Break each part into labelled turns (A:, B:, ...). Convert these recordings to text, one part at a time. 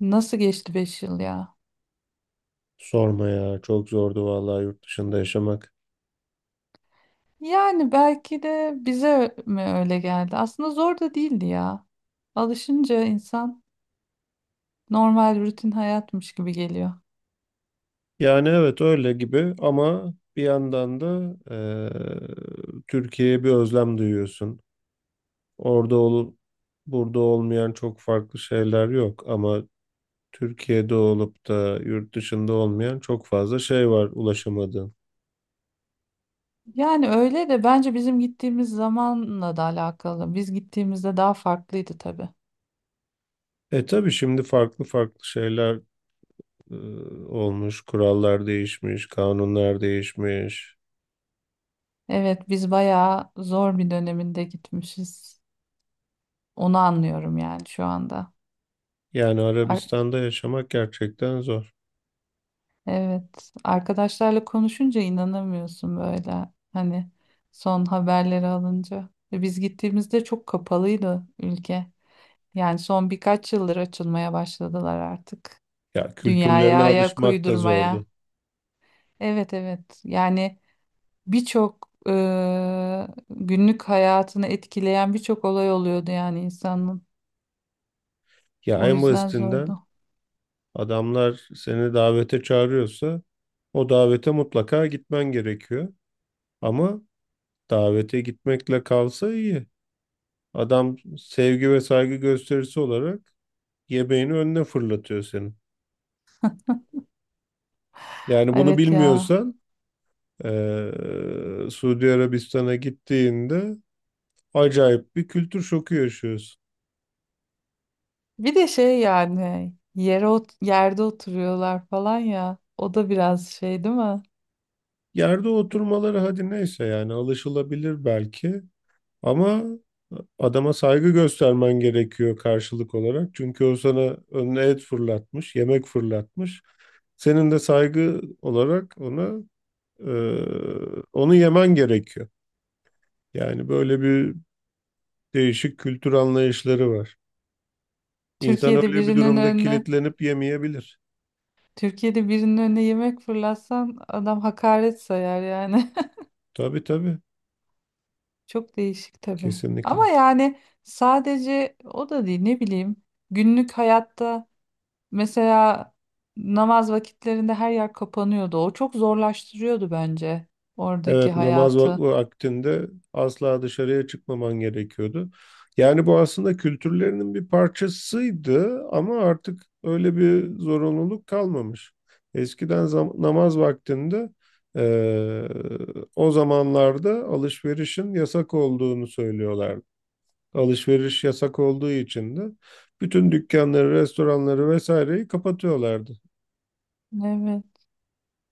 A: Nasıl geçti 5 yıl ya?
B: Sorma ya, çok zordu vallahi yurt dışında yaşamak.
A: Yani belki de bize mi öyle geldi? Aslında zor da değildi ya. Alışınca insan normal rutin hayatmış gibi geliyor.
B: Yani evet, öyle gibi ama bir yandan da Türkiye'ye bir özlem duyuyorsun. Orada olup burada olmayan çok farklı şeyler yok ama Türkiye'de olup da yurt dışında olmayan çok fazla şey var ulaşamadığın.
A: Yani öyle de bence bizim gittiğimiz zamanla da alakalı. Biz gittiğimizde daha farklıydı tabii.
B: E tabii şimdi farklı farklı şeyler eee, olmuş, kurallar değişmiş, kanunlar değişmiş.
A: Evet, biz bayağı zor bir döneminde gitmişiz. Onu anlıyorum yani şu anda.
B: Yani Arabistan'da yaşamak gerçekten zor.
A: Evet, arkadaşlarla konuşunca inanamıyorsun böyle. Hani son haberleri alınca. Ve biz gittiğimizde çok kapalıydı ülke. Yani son birkaç yıldır açılmaya başladılar artık.
B: Ya
A: Dünyaya
B: kültürlerine
A: ayak
B: alışmak da
A: uydurmaya.
B: zordu.
A: Evet, evet. Yani birçok günlük hayatını etkileyen birçok olay oluyordu yani insanın.
B: Ya
A: O
B: en
A: yüzden
B: basitinden
A: zordu.
B: adamlar seni davete çağırıyorsa o davete mutlaka gitmen gerekiyor. Ama davete gitmekle kalsa iyi. Adam sevgi ve saygı gösterisi olarak yemeğini önüne fırlatıyor senin. Yani bunu
A: Evet ya.
B: bilmiyorsan Suudi Arabistan'a gittiğinde acayip bir kültür şoku yaşıyorsun.
A: Bir de şey yani yerde oturuyorlar falan ya. O da biraz şey değil mi?
B: Yerde oturmaları hadi neyse, yani alışılabilir belki. Ama adama saygı göstermen gerekiyor karşılık olarak. Çünkü o sana önüne et fırlatmış, yemek fırlatmış. Senin de saygı olarak ona e, onu yemen gerekiyor. Yani böyle bir değişik kültür anlayışları var. İnsan
A: Türkiye'de
B: öyle bir
A: birinin
B: durumda
A: önüne
B: kilitlenip yemeyebilir.
A: Türkiye'de birinin önüne yemek fırlatsan adam hakaret sayar yani.
B: Tabii tabii,
A: Çok değişik tabii. Ama
B: kesinlikle.
A: yani sadece o da değil, ne bileyim. Günlük hayatta mesela namaz vakitlerinde her yer kapanıyordu. O çok zorlaştırıyordu bence oradaki
B: Evet, namaz
A: hayatı.
B: vakti aktinde asla dışarıya çıkmaman gerekiyordu. Yani bu aslında kültürlerinin bir parçasıydı ama artık öyle bir zorunluluk kalmamış. Eskiden namaz vaktinde eee, o zamanlarda alışverişin yasak olduğunu söylüyorlardı. Alışveriş yasak olduğu için de bütün dükkanları, restoranları vesaireyi kapatıyorlardı.
A: Evet.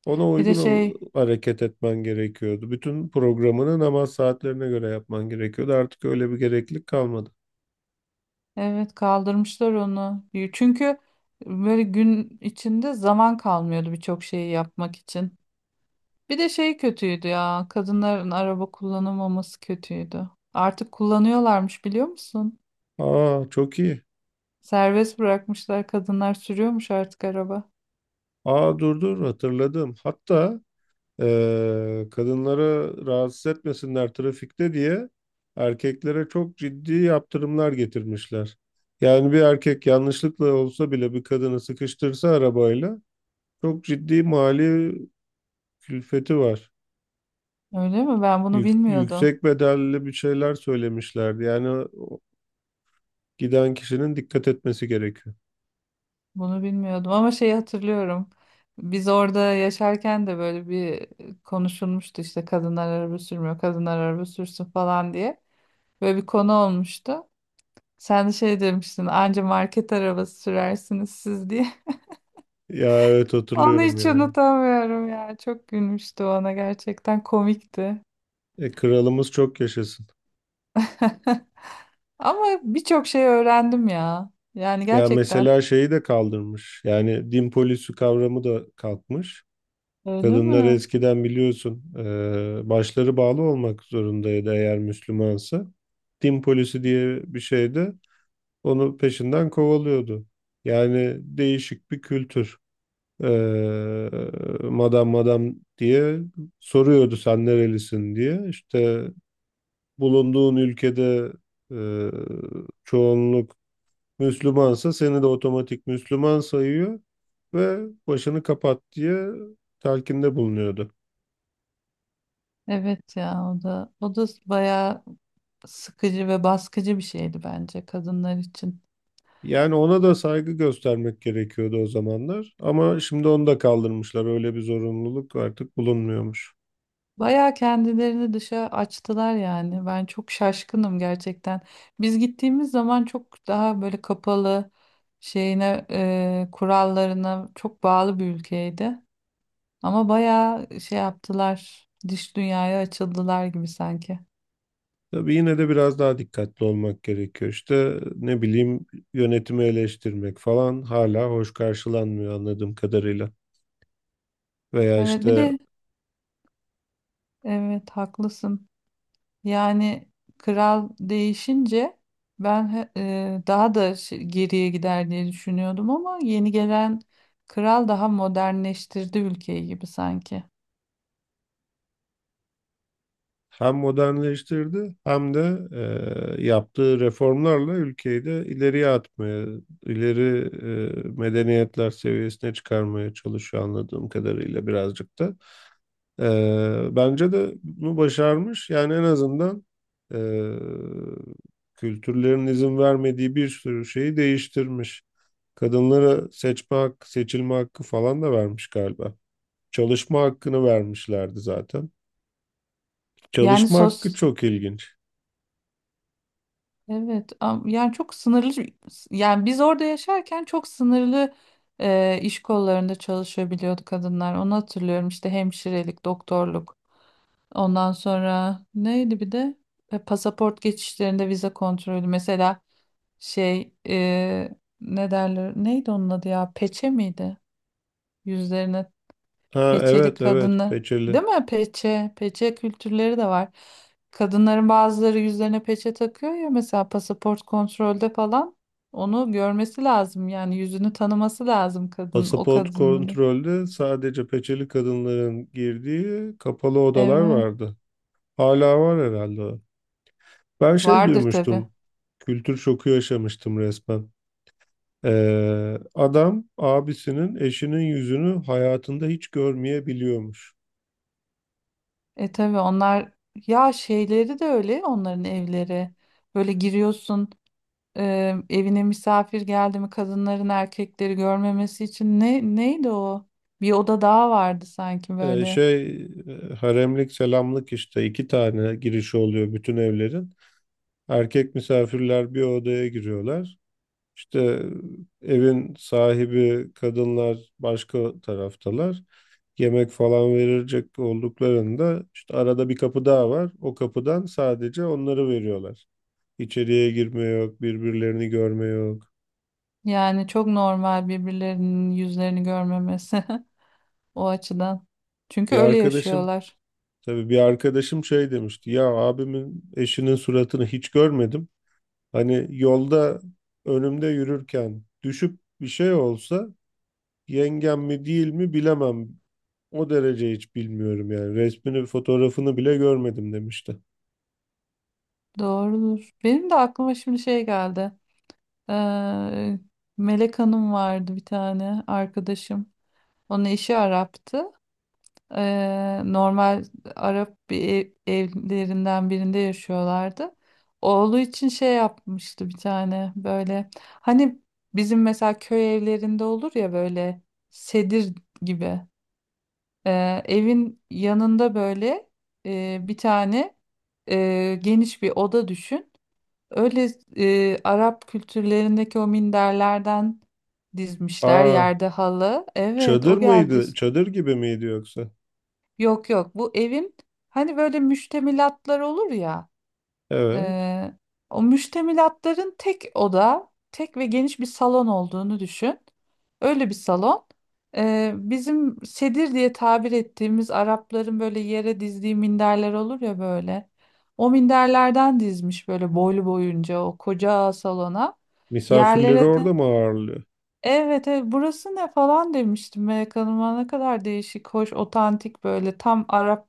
B: Ona
A: Bir de şey.
B: hareket etmen gerekiyordu. Bütün programını namaz saatlerine göre yapman gerekiyordu. Artık öyle bir gereklilik kalmadı.
A: Evet, kaldırmışlar onu. Çünkü böyle gün içinde zaman kalmıyordu birçok şeyi yapmak için. Bir de şey kötüydü ya. Kadınların araba kullanamaması kötüydü. Artık kullanıyorlarmış, biliyor musun?
B: Aa çok iyi.
A: Serbest bırakmışlar, kadınlar sürüyormuş artık araba.
B: Aa, dur dur, hatırladım. Hatta kadınları rahatsız etmesinler trafikte diye erkeklere çok ciddi yaptırımlar getirmişler. Yani bir erkek yanlışlıkla olsa bile bir kadını sıkıştırsa arabayla çok ciddi mali külfeti var.
A: Öyle mi? Ben bunu bilmiyordum.
B: Yüksek bedelli bir şeyler söylemişlerdi. Yani giden kişinin dikkat etmesi gerekiyor.
A: Bunu bilmiyordum ama şeyi hatırlıyorum. Biz orada yaşarken de böyle bir konuşulmuştu, işte kadınlar araba sürmüyor, kadınlar araba sürsün falan diye. Böyle bir konu olmuştu. Sen de şey demiştin, anca market arabası sürersiniz siz diye.
B: Ya evet,
A: Onu
B: hatırlıyorum
A: hiç
B: ya.
A: unutamıyorum ya. Çok gülmüştü, ona gerçekten komikti.
B: E, kralımız çok yaşasın.
A: Ama birçok şey öğrendim ya. Yani
B: Ya
A: gerçekten.
B: mesela şeyi de kaldırmış. Yani din polisi kavramı da kalkmış.
A: Öyle
B: Kadınlar
A: mi?
B: eskiden biliyorsun başları bağlı olmak zorundaydı eğer Müslümansa. Din polisi diye bir şeydi, onu peşinden kovalıyordu. Yani değişik bir kültür. E, Madam madam diye soruyordu, sen nerelisin diye. İşte bulunduğun ülkede e, çoğunluk Müslümansa seni de otomatik Müslüman sayıyor ve başını kapat diye telkinde bulunuyordu.
A: Evet ya, o da bayağı sıkıcı ve baskıcı bir şeydi bence kadınlar için.
B: Yani ona da saygı göstermek gerekiyordu o zamanlar ama şimdi onu da kaldırmışlar. Öyle bir zorunluluk artık bulunmuyormuş.
A: Bayağı kendilerini dışa açtılar yani. Ben çok şaşkınım gerçekten. Biz gittiğimiz zaman çok daha böyle kapalı şeyine, kurallarına çok bağlı bir ülkeydi. Ama bayağı şey yaptılar. Dış dünyaya açıldılar gibi sanki.
B: Tabii yine de biraz daha dikkatli olmak gerekiyor. İşte ne bileyim, yönetimi eleştirmek falan hala hoş karşılanmıyor anladığım kadarıyla. Veya
A: Evet, bir
B: işte
A: de evet, haklısın. Yani kral değişince ben daha da geriye gider diye düşünüyordum ama yeni gelen kral daha modernleştirdi ülkeyi gibi sanki.
B: hem modernleştirdi hem de yaptığı reformlarla ülkeyi de ileriye atmaya, ileri medeniyetler seviyesine çıkarmaya çalışıyor anladığım kadarıyla birazcık da. E, bence de bunu başarmış. Yani en azından e, kültürlerin izin vermediği bir sürü şeyi değiştirmiş. Kadınlara seçme hakkı, seçilme hakkı falan da vermiş galiba. Çalışma hakkını vermişlerdi zaten.
A: Yani
B: Çalışma hakkı çok ilginç.
A: evet, yani çok sınırlı, yani biz orada yaşarken çok sınırlı iş kollarında çalışabiliyordu kadınlar. Onu hatırlıyorum, işte hemşirelik, doktorluk. Ondan sonra neydi, bir de pasaport geçişlerinde vize kontrolü mesela. Şey ne derler? Neydi onun adı ya? Peçe miydi? Yüzlerine
B: Ha
A: peçeli
B: evet evet,
A: kadınlar.
B: peçeli.
A: Değil mi? Peçe. Peçe kültürleri de var. Kadınların bazıları yüzlerine peçe takıyor ya mesela pasaport kontrolde falan. Onu görmesi lazım, yani yüzünü tanıması lazım kadın o
B: Pasaport
A: kadının.
B: kontrolde sadece peçeli kadınların girdiği kapalı odalar
A: Evet.
B: vardı. Hala var herhalde, o. Ben şey
A: Vardır tabii.
B: duymuştum. Kültür şoku yaşamıştım resmen. Adam abisinin eşinin yüzünü hayatında hiç görmeyebiliyormuş.
A: E tabii onlar, ya şeyleri de öyle onların evleri. Böyle giriyorsun. Evine misafir geldi mi kadınların erkekleri görmemesi için neydi o? Bir oda daha vardı sanki
B: Ee,
A: böyle.
B: şey Haremlik selamlık işte iki tane girişi oluyor bütün evlerin. Erkek misafirler bir odaya giriyorlar. İşte evin sahibi kadınlar başka taraftalar. Yemek falan verilecek olduklarında işte arada bir kapı daha var. O kapıdan sadece onları veriyorlar. İçeriye girme yok, birbirlerini görme yok.
A: Yani çok normal birbirlerinin yüzlerini görmemesi o açıdan. Çünkü
B: Bir
A: öyle
B: arkadaşım
A: yaşıyorlar.
B: Tabii bir arkadaşım şey demişti. Ya abimin eşinin suratını hiç görmedim. Hani yolda önümde yürürken düşüp bir şey olsa yengem mi değil mi bilemem. O derece hiç bilmiyorum yani. Resmini, fotoğrafını bile görmedim demişti.
A: Doğrudur. Benim de aklıma şimdi şey geldi. Ee, Melek Hanım vardı bir tane arkadaşım. Onun eşi Arap'tı. Normal Arap bir evlerinden birinde yaşıyorlardı. Oğlu için şey yapmıştı bir tane böyle. Hani bizim mesela köy evlerinde olur ya, böyle sedir gibi. Evin yanında böyle bir tane geniş bir oda düşün. Öyle Arap kültürlerindeki o minderlerden dizmişler,
B: Aa,
A: yerde halı. Evet,
B: çadır
A: o geldi.
B: mıydı? Çadır gibi miydi yoksa?
A: Yok yok, bu evin hani böyle müştemilatlar olur ya,
B: Evet.
A: eee, o müştemilatların tek oda, tek ve geniş bir salon olduğunu düşün. Öyle bir salon. Bizim sedir diye tabir ettiğimiz Arapların böyle yere dizdiği minderler olur ya böyle. O minderlerden dizmiş böyle boylu boyunca o koca salona.
B: Misafirleri
A: Yerlere de
B: orada mı ağırlıyor?
A: evet, evet, burası ne falan demiştim Melek Hanım'a, ne kadar değişik, hoş, otantik, böyle tam Arap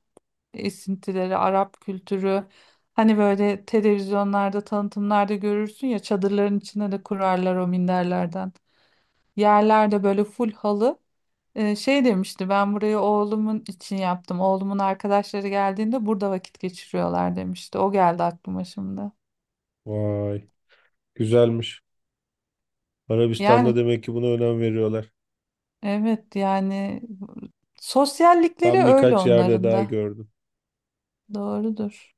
A: esintileri, Arap kültürü. Hani böyle televizyonlarda, tanıtımlarda görürsün ya çadırların içine de kurarlar, o minderlerden. Yerlerde böyle full halı. Şey demişti, ben burayı oğlumun için yaptım. Oğlumun arkadaşları geldiğinde burada vakit geçiriyorlar demişti. O geldi aklıma şimdi.
B: Vay, güzelmiş. Arabistan'da
A: Yani,
B: demek ki buna önem veriyorlar.
A: evet yani sosyallikleri
B: Ben
A: öyle
B: birkaç yerde
A: onların
B: daha
A: da.
B: gördüm.
A: Doğrudur.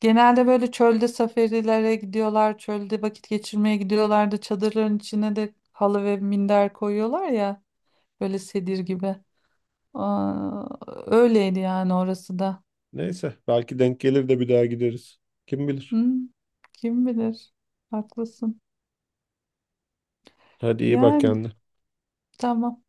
A: Genelde böyle çölde safarilere gidiyorlar, çölde vakit geçirmeye gidiyorlardı. Çadırların içine de halı ve minder koyuyorlar ya, böyle sedir gibi. Aa, öyleydi yani orası da.
B: Neyse, belki denk gelir de bir daha gideriz. Kim bilir.
A: Hı, kim bilir? Haklısın.
B: Hadi iyi bak
A: Yani
B: kendine.
A: tamam.